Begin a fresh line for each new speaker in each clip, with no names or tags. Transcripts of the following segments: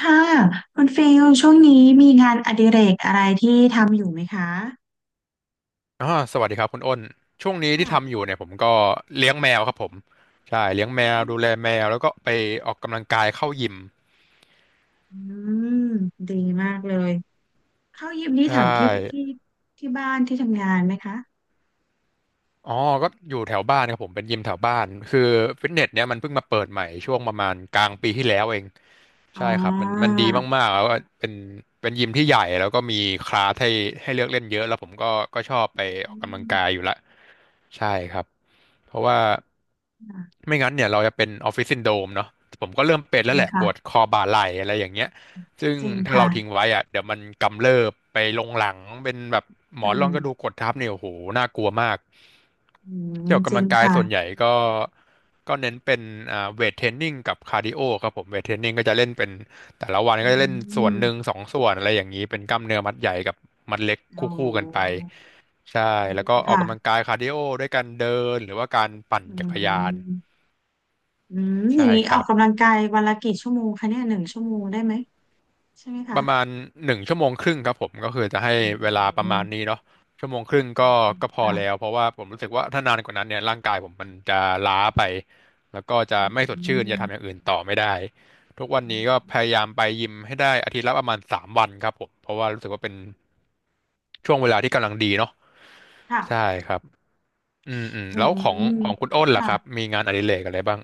ค่ะคุณฟิลช่วงนี้มีงานอดิเรกอะไรที่ทำอยู่ไหมคะ
อ่าสวัสดีครับคุณอ้นช่วงนี้ที่
ค่ะ
ทำอยู่เนี่ยผมก็เลี้ยงแมวครับผมใช่เลี้ยงแมวดูแลแมวแล้วก็ไปออกกำลังกายเข้ายิม
อืมดีมากเลยเข้ายิมนี่
ใช่
แถวที่ที่บ้านที่ทำงานไหมคะ
อ๋อก็อยู่แถวบ้านครับผมเป็นยิมแถวบ้านคือฟิตเนสเนี้ยมันเพิ่งมาเปิดใหม่ช่วงประมาณกลางปีที่แล้วเอง
อ๋
ใช่
อ
ครับมันดีมากๆแล้วก็เป็นเป็นยิมที่ใหญ่แล้วก็มีคลาสให้เลือกเล่นเยอะแล้วผมก็ชอบไปอ
อื
อกกำลังกายอ
ม
ยู่ละใช่ครับเพราะว่า
ค่ะ
ไม่งั้นเนี่ยเราจะเป็นออฟฟิศซินโดรมเนาะผมก็เริ่มเป็น
จ
แล้
ริ
ว
ง
แหละป
ค่ะ
วดคอบ่าไหล่อะไรอย่างเงี้ย ซึ่ง
จริง
ถ้าเรา
ค่ะ
ทิ้งไว้อะเดี๋ยวมันกำเริบไปลงหลังเป็นแบบหม
อื
อนร
ม
องกระดูกกดทับเนี่ยโอ้โหน่ากลัวมาก
อืม
ที่ออก
จริ
กำลั
ง
งกาย
ค่ะ
ส่วนใหญ่ก็ก็เน้นเป็นเวทเทรนนิ่งกับคาร์ดิโอครับผมเวทเทรนนิ่งก็จะเล่นเป็นแต่ละวัน
อื
ก็จะเล่นส่วนหนึ่ง
ม
สองส่วนอะไรอย่างนี้เป็นกล้ามเนื้อมัดใหญ่กับมัดเล็กค
โอ
ู่ๆกันไป
้
ใช่แล้ว
ดี
ก็ออก
ค่ะ
กำลังกายคาร์ดิโอด้วยการเดินหรือว่าการปั่น
อื
จักรยาน
มอืมอย่า
ใช่
งนี้
ค
ออ
รั
ก
บ
กำลังกายวันละกี่ชั่วโมงคะเนี่ยหนึ่งชั่วโมงได้ไหมใช่ไหม
ป
คะ
ระมาณหนึ่งชั่วโมงครึ่งครับผมก็คือจะให้เวลาประ
โอ้
มาณนี้เนาะชั่วโมงครึ่งก็ก็พอ
ค่ะ
แล้วเพราะว่าผมรู้สึกว่าถ้านานกว่านั้นเนี่ยร่างกายผมมันจะล้าไปแล้วก็จะ
อื
ไม่สดชื่น
ม
จะทำอย่างอื่นต่อไม่ได้ทุกวันนี้ก็พยายามไปยิมให้ได้อาทิตย์ละประมาณสามวันครับผมเพราะว่ารู้สึกว่าเป็นช่วงเวลาที่กำลังดีเนาะ
ค่ะ
ใช่ครับอืมอืม
อื
แล้วของ
ม
ของคุณอ้นล่ะ
ค่ะ
ครับมีงานอดิเรกอะไรบ้าง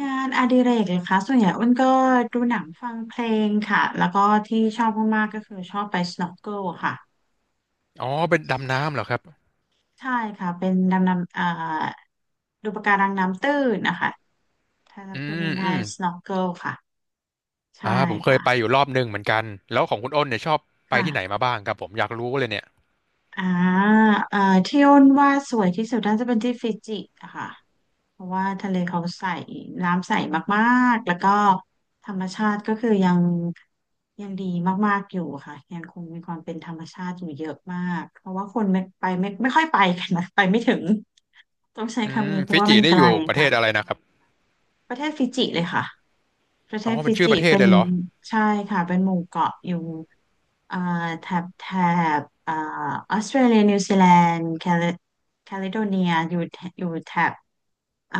งานอดิเรกเลยคะส่วนใหญ่อ้นก็ดูหนังฟังเพลงค่ะแล้วก็ที่ชอบมากๆก็คือชอบไป snorkel ค่ะ
อ๋อเป็นดำน้ำเหรอครับ
ใช่ค่ะเป็นดำน้ำดูปะการังน้ำตื้นนะคะถ้าจะ
อื
พูด
มอื
ง่าย
ม
ๆ snorkel ค่ะใช่
ผมเคย
ค่ะ
ไปอยู่รอบหนึ่งเหมือนกันแล้วของคุณอ้นเนี่ยชอบไปที่ไหนมา
ค่ะ
บ้างครับผมอยากรู้เลยเนี่ย
อ่าเอ่อที่อ้นว่าสวยที่สุดน่าจะเป็นที่ฟิจิอะค่ะเพราะว่าทะเลเขาใสน้ำใสมากๆ แล้วก็ธรรมชาติก็คือยังดีมากๆ อยู่ค่ะยังคงมีความเป็นธรรมชาติอยู่เยอะมากเพราะว่าคนไม่ไปไม่ค่อยไปกันนะไปไม่ถึงต้องใช้
อื
คำ
ม
นี้เพราะ
ฟิ
ว่า
จิ
มันไก
นี่
ล
อยู่ประเทศอะไร
ค่ะ
นะครับ
ประเทศฟิจิเลยค่ะ ประเท
อ๋อ
ศ
เป็
ฟิ
นชื่อ
จิ
ประเทศ
เป็
เล
น
ยเหรอ
ใช่ค่ะเป็นหมู่เกาะอยู่อ่าแถบแถบออสเตรเลียนิวซีแลนด์แคลิแคลิโดเนียอยู่แถอยู่แถบอ่า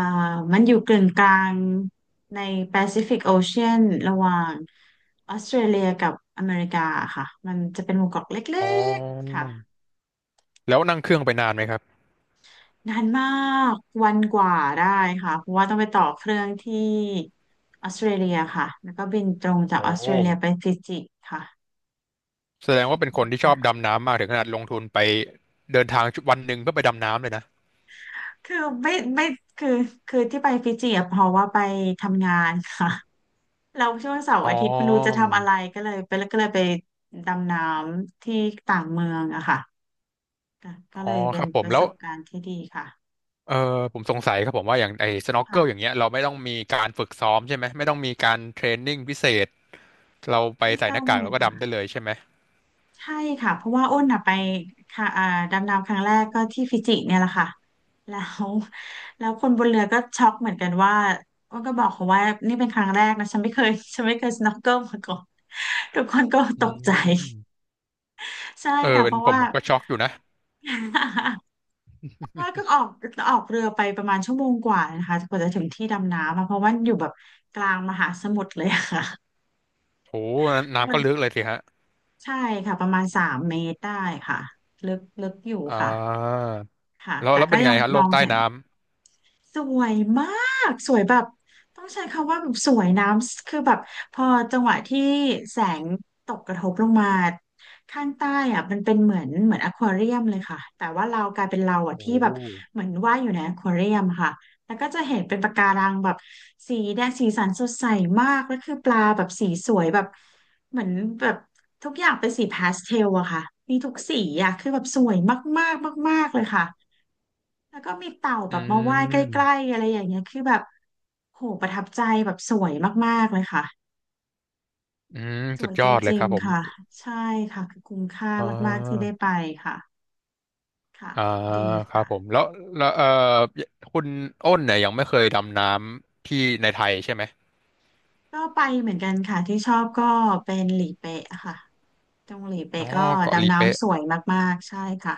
มันอยู่กึ่งกลางในแปซิฟิกโอเชียนระหว่างออสเตรเลียกับอเมริกาค่ะมันจะเป็นหมู่เกาะเล็
อ๋อ
กๆค่ะ
แล้วนั่งเครื่องไปนานไหมครับ
นานมากวันกว่าได้ค่ะเพราะว่าต้องไปต่อเครื่องที่ออสเตรเลียค่ะแล้วก็บินตรงจาก
โอ
ออสเต
้
รเลียไปฟิจิค่ะ
แสดงว่าเป็นคนที่ชอบ
ค
ดำน้ำมากถึงขนาดลงทุนไปเดินทางวันหนึ่งเพื่อไปดำน้ำเลยนะ
ือไม่คือคือที่ไปฟิจิอะเพราะว่าไปทำงานค่ะเราช่วงเสาร์
อ๋
อา
อ
ทิตย์ไม่รู้จะทำอะไรก็เลยไปก็เลยไปดำน้ำที่ต่างเมืองอะค่ะก็
อ๋
เล
อ
ย
ค
เป็น
รับผ
ป
ม
ระ
แล้
ส
ว
บการณ์ที่ดีค่ะ
เออผมสงสัยครับผมว่าอย่างไอ้สน็อกเกิลอย่าง
ค่ะ
เงี้ยเราไม่ต้องมีการฝึกซ้อมใช่ไหมไม่ต้องมีการเทรนนิ่งพิเศษเราไป
ไม่
ใส่ห
ต้อ
น้า
ง
กาก
เล
แล้ว
ย
ก็
ค่ะ
ดำได้เลยใช่ไหม
ใช่ค่ะเพราะว่าอ้นอ่ะไปค่ะดำน้ำครั้งแรกก็ที่ฟิจิเนี่ยแหละค่ะแล้วแล้วคนบนเรือก็ช็อกเหมือนกันว่าอ้นก็บอกเขาว่านี่เป็นครั้งแรกนะฉันไม่เคยสโนว์เกิลมาก่อนทุกคนก็ต
อื
กใจ
ม
ใช่ค่ะ
เป็
เพ
น
ราะ
ผม
ว่า
ผมก็ช็อกอยู่นะ
เพราะว่าก็ออกออกเรือไปประมาณชั่วโมงกว่านะคะกว่าจะถึงที่ดำน้ำอะเพราะว่าอยู่แบบกลางมหาสมุทรเลยอะค่ะ
โห
มั
น้ำ
น
ก็ลึกเลยสิฮะ
ใช่ค่ะประมาณสามเมตรได้ค่ะลึกลึกอยู่
อ่
ค่ะ
า
ค่ะ
แล้ว
แต่
แล้ว
ก็
เป็น
ยั
ไง
ง
ฮะโล
มอ
ก
ง
ใต้
เห็น
น้
สวยมากสวยแบบต้องใช้คำว่าแบบสวยน้ำคือแบบพอจังหวะที่แสงตกกระทบลงมาข้างใต้อ่ะมันเป็นเหมือนอควาเรียมเลยค่ะแต่ว่าเรากลายเป็นเรา
ำ
อ่ะ
โอ้
ที่แบบเหมือนว่ายอยู่ในอควาเรียมค่ะแล้วก็จะเห็นเป็นปะการังแบบสีแดงสีสันสดใสมากแล้วคือปลาแบบสีสวยแบบเหมือนแบบทุกอย่างเป็นสีพาสเทลอะค่ะมีทุกสีอะคือแบบสวยมากๆมากๆเลยค่ะ แล้วก็มีเต่า
ำ
แบ
อื
บมาว่ายใกล้
ม
ๆอะไรอย่างเงี้ยคือแบบโหประทับใจแบบสวยมากๆเลยค่ะ
อืม
ส
สุ
ว
ด
ย
ย
จ
อดเลย
ริ
ค
ง
รับผ
ๆ
ม
ค่ะใช่ค่ะคือคุ้มค่า
อ่
มากๆที่ได้
า
ไปค่ะค่ะ
อ่า
ดี
ครับ
ค่ะ
ผมแล้วแล้วคุณอ้นเนี่ยยังไม่เคยดำน้ำที่ในไทยใช่ไหม
ก็ไปเหมือนกันค่ะที่ชอบก็เป็นหลีเป๊ะค่ะตรงหลีเป๊ะ
อ๋อ
ก็
เกาะลี
ดำ
เป๊ะ
น้ำสวยมากๆใช่ค่ะ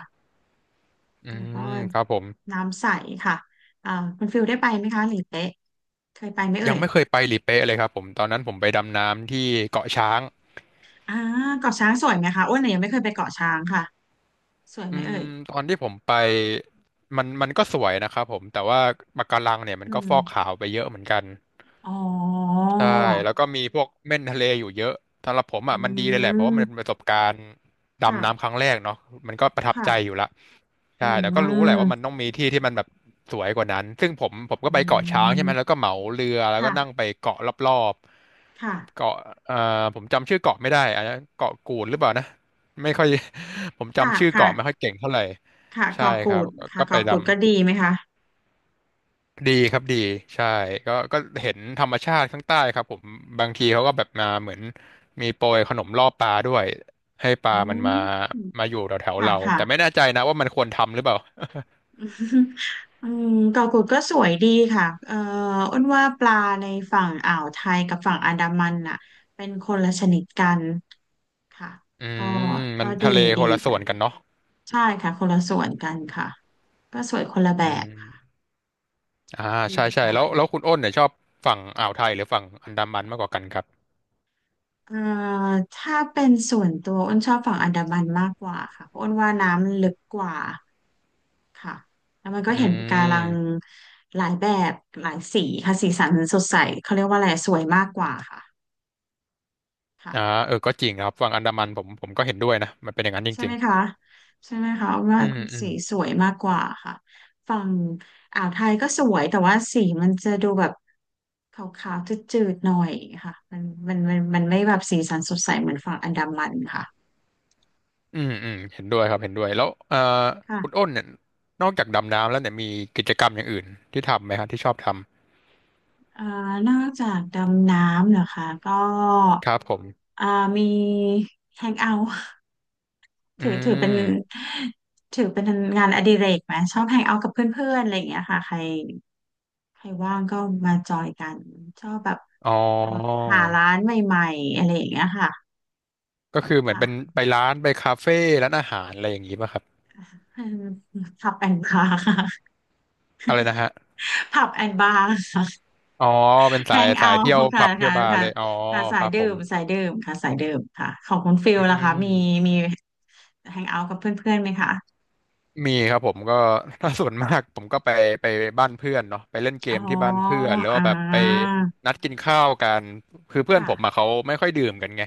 อื
แล้วก็
มครับผม
น้ำใสค่ะอ่าคุณฟิลได้ไปไหมคะหลีเป๊ะเคยไปไหมเอ่
ยัง
ย
ไม่เคยไปลีเป๊ะเลยครับผมตอนนั้นผมไปดำน้ำที่เกาะช้าง
อ่าเกาะช้างสวยไหมคะอ้วนเนี่ยยังไม่เคยไปเกาะช้างค่ะสวย
อื
ไหมเอ่
ม
ย
ตอนที่ผมไปมันก็สวยนะครับผมแต่ว่าปะการังเนี่ยมัน
อื
ก็
ม
ฟอกขาวไปเยอะเหมือนกัน
อ๋อ
ใช่แล้วก็มีพวกเม่นทะเลอยู่เยอะสำหรับผม
อื
อ่ะมันดีเลยแหละเพราะว่ามันเป็นป
ม
ระสบการณ์
ค่ะ
ดำน้ำครั้งแรกเนาะมันก็ประทับใจอ
ค่ะ
ยู่ละ
อื
ใช่แต่ก็รู้แหละว่ามัน
ม
ต้องมีที่ที่มันแบบสวยกว่านั้นซึ่งผมก็
อื
ไปเกาะช้างใช่ไหมแล้ว
ม
ก็เหมาเรือแล้วก็
ค่ะ
นั่งไปเกาะรอบๆ
ค่ะ
เกาะเอ่อผมจำชื่อเกาะไม่ได้อันนั้นเกาะกูดหรือเปล่านะไม่ค่อย ผม
ค่ะ
จำชื่อ
ค่ะ
เกาะไม่ค่อยเก่งเท่าไหร่
ค่ะก
ใช่
อ
ค
กู
รับ
ดค่ะ
ก็
ก
ไป
อกู
ดำ
ดก็ดีไหมคะ
ดีครับดีใช่ก็ก็เห็นธรรมชาติข้างใต้ครับผมบางทีเขาก็แบบมาเหมือนมีโปรยขนมล่อปลาด้วยให้ปลา
อื
มัน
ม
มามาอยู่แถวแถว
ค่ะ
เรา
ค่ะ
แต่ไม่แน่ใจนะว่ามันควรทำหรือเปล่า
อืมเกาะกูดก็สวยดีค่ะอ้นว่าปลาในฝั่งอ่าวไทยกับฝั่งอันดามันน่ะเป็นคนละชนิดกันค่ะ
อื
ก็
มมั
ก็
น
ดี
ทะเล
ดี
คนละส่
ค่ะ
วนกันเนาะ
ใช่ค่ะ คนละส่วนกันค่ะก็สวยคนละแบ
อื
บค่ะ
มอ่า
ดี
ใช่ใช่
ค่ะ
แล้ว
ดี
แล้วคุณอ้นเนี่ยชอบฝั่งอ่าวไทยหรือฝั่งอันดามันมากกว่ากันครับ
เอ่อถ้าเป็นส่วนตัวอ้นชอบฝั่งอันดามันมากกว่าค่ะเพราะอ้นว่าน้ำมันลึกกว่าค่ะแล้วมันก็
อื
เห็นปะการัง
ม
หลายแบบหลายสีค่ะสีสันสดใสเขาเรียกว่าอะไรสวยมากกว่าค่ะค่ะ
อ่าก็จริงนะครับฝั่งอันดามันผมก็เห็นด้วยนะมันเป็นอย่างนั้นจ
ใช่
ริ
ไหม
ง
คะใช่ไหมคะอ้น
ๆ
ว่า
อืมอืม
สีสวยมากกว่าค่ะฝั่งอ่าวไทยก็สวยแต่ว่าสีมันจะดูแบบขาวๆจืดๆหน่อยค่ะมันไม่แบบสีสันสดใสเหมือนฝั่งอันดามันค
อืมอืมเห็นด้วยครับเห็นด้วยแล้วคุณ
่ะ
อ้นเนี่ยนอกจากดำน้ำแล้วเนี่ยมีกิจกรรมอย่างอื่นที่ทำไหมฮะที่ชอบท
อ่านอกจากดำน้ำเหรอคะก็
ำครับผม
อ่ามีแฮงเอาท์
อื
ถือเป็น
ม
ถือเป็นงานอดิเรกไหมชอบแฮงเอาท์กับเพื่อนๆอะไรอย่างเงี้ยค่ะใครใครว่างก็มาจอยกันชอบแบบ
อ๋อ
หาร้านใหม่ๆอะไรอย่างเงี้ยค่ะ
ก็คือเหมือนเป็น
ค่ะ
ไปร้านไปคาเฟ่ร้านอาหารอะไรอย่างงี้ป่ะครับ
ผับแอนบาร์ค่ะ
อะไรนะฮะ
ผับแอนบาร์
อ๋อเป็น
แฮ
สาย
งเอา
สายเที่
ท์
ยว
ค่ะ
ผับเที่ย
ค่ะ
วบาร์
ค่ะ
เลยอ๋อ
ค่ะสา
ค
ย
รับ
ดื่
ผม
มสายดื่มค่ะสายดื่มค่ะของคุณฟิล
อื
ล่ะคะ
ม
มีมีแฮงเอาท์กับเพื่อนๆไหมคะ
มีครับผมก็ ถ้าส่วนมากผมก็ไปบ้านเพื่อนเนาะไปเล่นเก
อ๋อ
มที่บ้านเพื่อนหรือ
อ่
ว่าแบบไป
า
นัดกินข้าวกันคือเพื่อนผมอะ
ค่ะ
เขาไม่ค่อยดื่มกันไง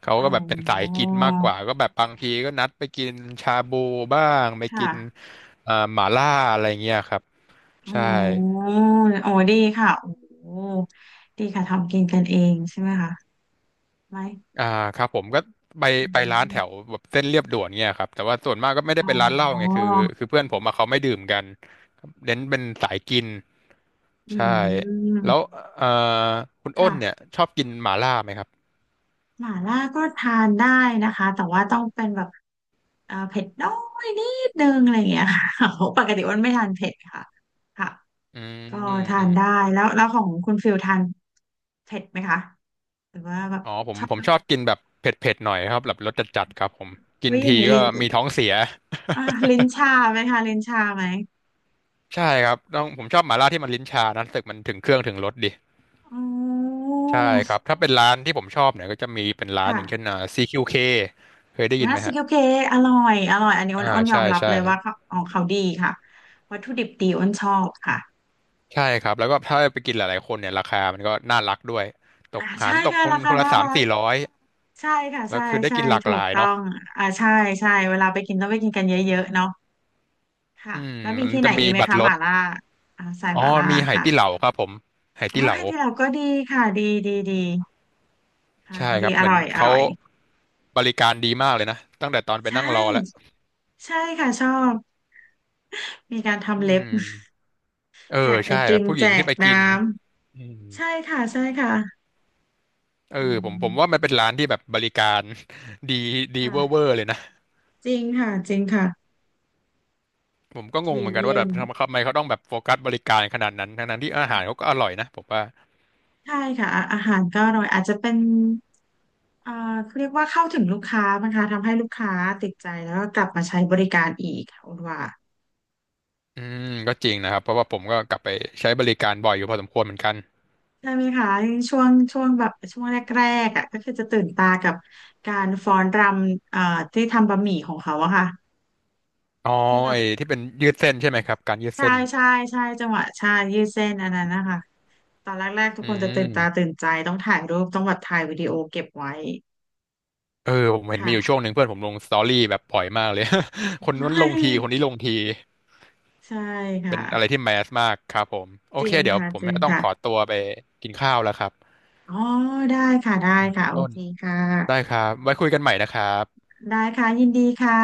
เขา
อ๋
ก็แบบเป็นสาย
อ
กินมากกว่าก็แบบบางทีก็นัดไปกินชาบูบ้างไป
ค
กิน
่ะ
หม่าล่าอะไรเงี้ยครับ
อ๋อ
ใช่
โอ้ดีค่ะโอ้ดีค่ะทำกินกันเองใช่ไหมคะไหม
อ่าครับผมก็ไป
อ
ไปร้านแถ
ม
วแบบเส้นเรียบด่วนเงี้ยครับแต่ว่าส่วนมากก็ไม่ได้
อ๋อ
เป็นร้านเหล้าไงคือเพื่อนผมอะเขาไม่ดื่มกันเน้นเป็นสายกิน
อื
ใช่แล้ว
ม
เอ่อคุณอ้นเนี่ย
ค่ะ
ชอบกินหม่าล่าไหมครับ
หม่าล่าก็ทานได้นะคะแต่ว่าต้องเป็นแบบเผ็ดน้อยนิดนึงอะไรอย่างเงี้ยค่ะ โอ้ปกติอ้วนไม่ทานเผ็ดค่ะค่ะ
อื
ก็
ม
ทา
อื
น
ม
ได้แล้วของคุณฟิลทานเผ็ดไหมคะหรือว่าแบบ
อ๋อผม
ชอบ
ผม
แบบ
ชอบกินแบบเผ็ดๆหน่อยครับแบบรสจัดๆครับผมกิ
อุ้
น
ยอย่า
ที
งงี้
ก็
ลิ้น
มีท้องเสีย
อ่าลิ้นชาไหมคะลิ้นชาไหม
ใช่ครับต้องผมชอบหม่าล่าที่มันลิ้นชานะรู้สึกมันถึงเครื่องถึงรสดี
อ๋อ
ใช่ครับถ้าเป็นร้านที่ผมชอบเนี่ยก็จะมีเป็นร้านอย่างเช่น
ค่ะ
CQK เคเคยได้ยิน
ร้า
ไห
น
ม
ซี
ฮะ
เคเคอร่อยอร่อยอันนี้อ้น
อ่า
อ้นยอ
ใช่
มรับ
ใช่
เลยว่าเขาของเขาดีค่ะวัตถุดิบดีอ้นชอบค่ะ
ใช่ครับแล้วก็ถ้าไปกินหลายๆคนเนี่ยราคามันก็น่ารักด้วยต
อ่า
กหา
ใช่
รตก
ค่ะ
คน
รา
ค
คา
นละ
น่า
สาม
รัก
สี่ร้อย
ใช่ค่ะ
แล้
ใช่
วคือได้
ใช่
กินหลาก
ถู
ห
ก
ลาย
ต้อ
เนาะ
งอ่าใช่ใช่เวลาไปกินต้องไปกินกันเยอะๆเนาะค่ะ
อืม
แล้วมี
มัน
ที่ไหน
จะ
อี
มี
กไหม
บัตร
คะ
ร
ห
ถ
ม่าล่าอ่าใส่ห
อ๋อ
ม่าล่า
มีไห
ค่ะ
ตี้เหลาครับผมไหตี้
โอ้
เหลา
ยที่เราก็ดีค่ะดีดีดีค่ะ
ใช่ค
ดี
รับ
อ
เหมือน
ร่อยอ
เขา
ร่อย
บริการดีมากเลยนะตั้งแต่ตอนไป
ใช
นั่งรอแล้ว
่ใช่ค่ะชอบมีการ
อื
ทำเล็บ
มเออ
แจกไอ
ใช่แบ
ติ
บ
ม
ผู้ห
แจ
ญิง
ก
ที่ไปกิ
น้
นอื
ำใช่
ม
ค่ะใช่ค่ะ
เอ
อื
อผมว่ามั
ม
นเป็นร้านที่แบบบริการ ดีดีเวอร์เวอ
ค่ะ
ร์เลยนะ
จริงค่ะจริงค่ะ
ผมก็งง
ดี
เหมือนกัน
เยี่
ว่า
ย
แบ
ม
บทำไมเขาต้องแบบโฟกัสบริการขนาดนั้นทั้งๆที่อาหารเขาก็อร่อยนะผมว่า
ใช่ค่ะอาอาหารก็อร่อยอาจจะเป็น อ่าเรียกว่าเข้าถึงลูกค้านะคะทำให้ลูกค้าติดใจแล้วก็กลับมาใช้บริการอีกค่ะคุณว่า
อืมก็จริงนะครับเพราะว่าผมก็กลับไปใช้บริการบ่อยอยู่พอสมควรเหมือนกัน
ใช่ไหมคะช่วงช่วงแบบช่วงแรกๆอ่ะก็คือจะตื่นตากับการฟ้อนรำที่ทำบะหมี่ของเขาอะค่ะ
อ๋อ
ที่แบบ
ไอ้ที่เป็นยืดเส้นใช่ไหมครับการยืด
ใช่
เส้น
ใช่ใช่จังหวะใช่ยืดเส้นอันนั้นนะคะตอนแรกๆทุก
อื
คนจะตื่นตา
ม
ตื่นใจต้องถ่ายรูปต้องแบบถ่ายวิดีโอเก็บไว้
เออผมเห็นมีอยู่ช่วง
ค่ะ
หนึ่งเพื่อนผมลงสตอรี่แบบบ่อยมากเลย ค
ใช
นนู้นลงทีคน
่
นี้ลงที
ใช่
เป็
ค่ะ
นอะไรที่แมสมากครับผมโอ
จ
เค
ริง
เดี๋ยว
ค่ะ
ผม
จริง
จะต้อง
ค่ะ
ขอตัวไปกินข้าวแล้วครับ
อ๋อได้ค่ะได้
อ่ะ
ค่ะ
คุณ
โอ
อ้น
เคค่ะ
ได้ครับไว้คุยกันใหม่นะครับ
ได้ค่ะยินดีค่ะ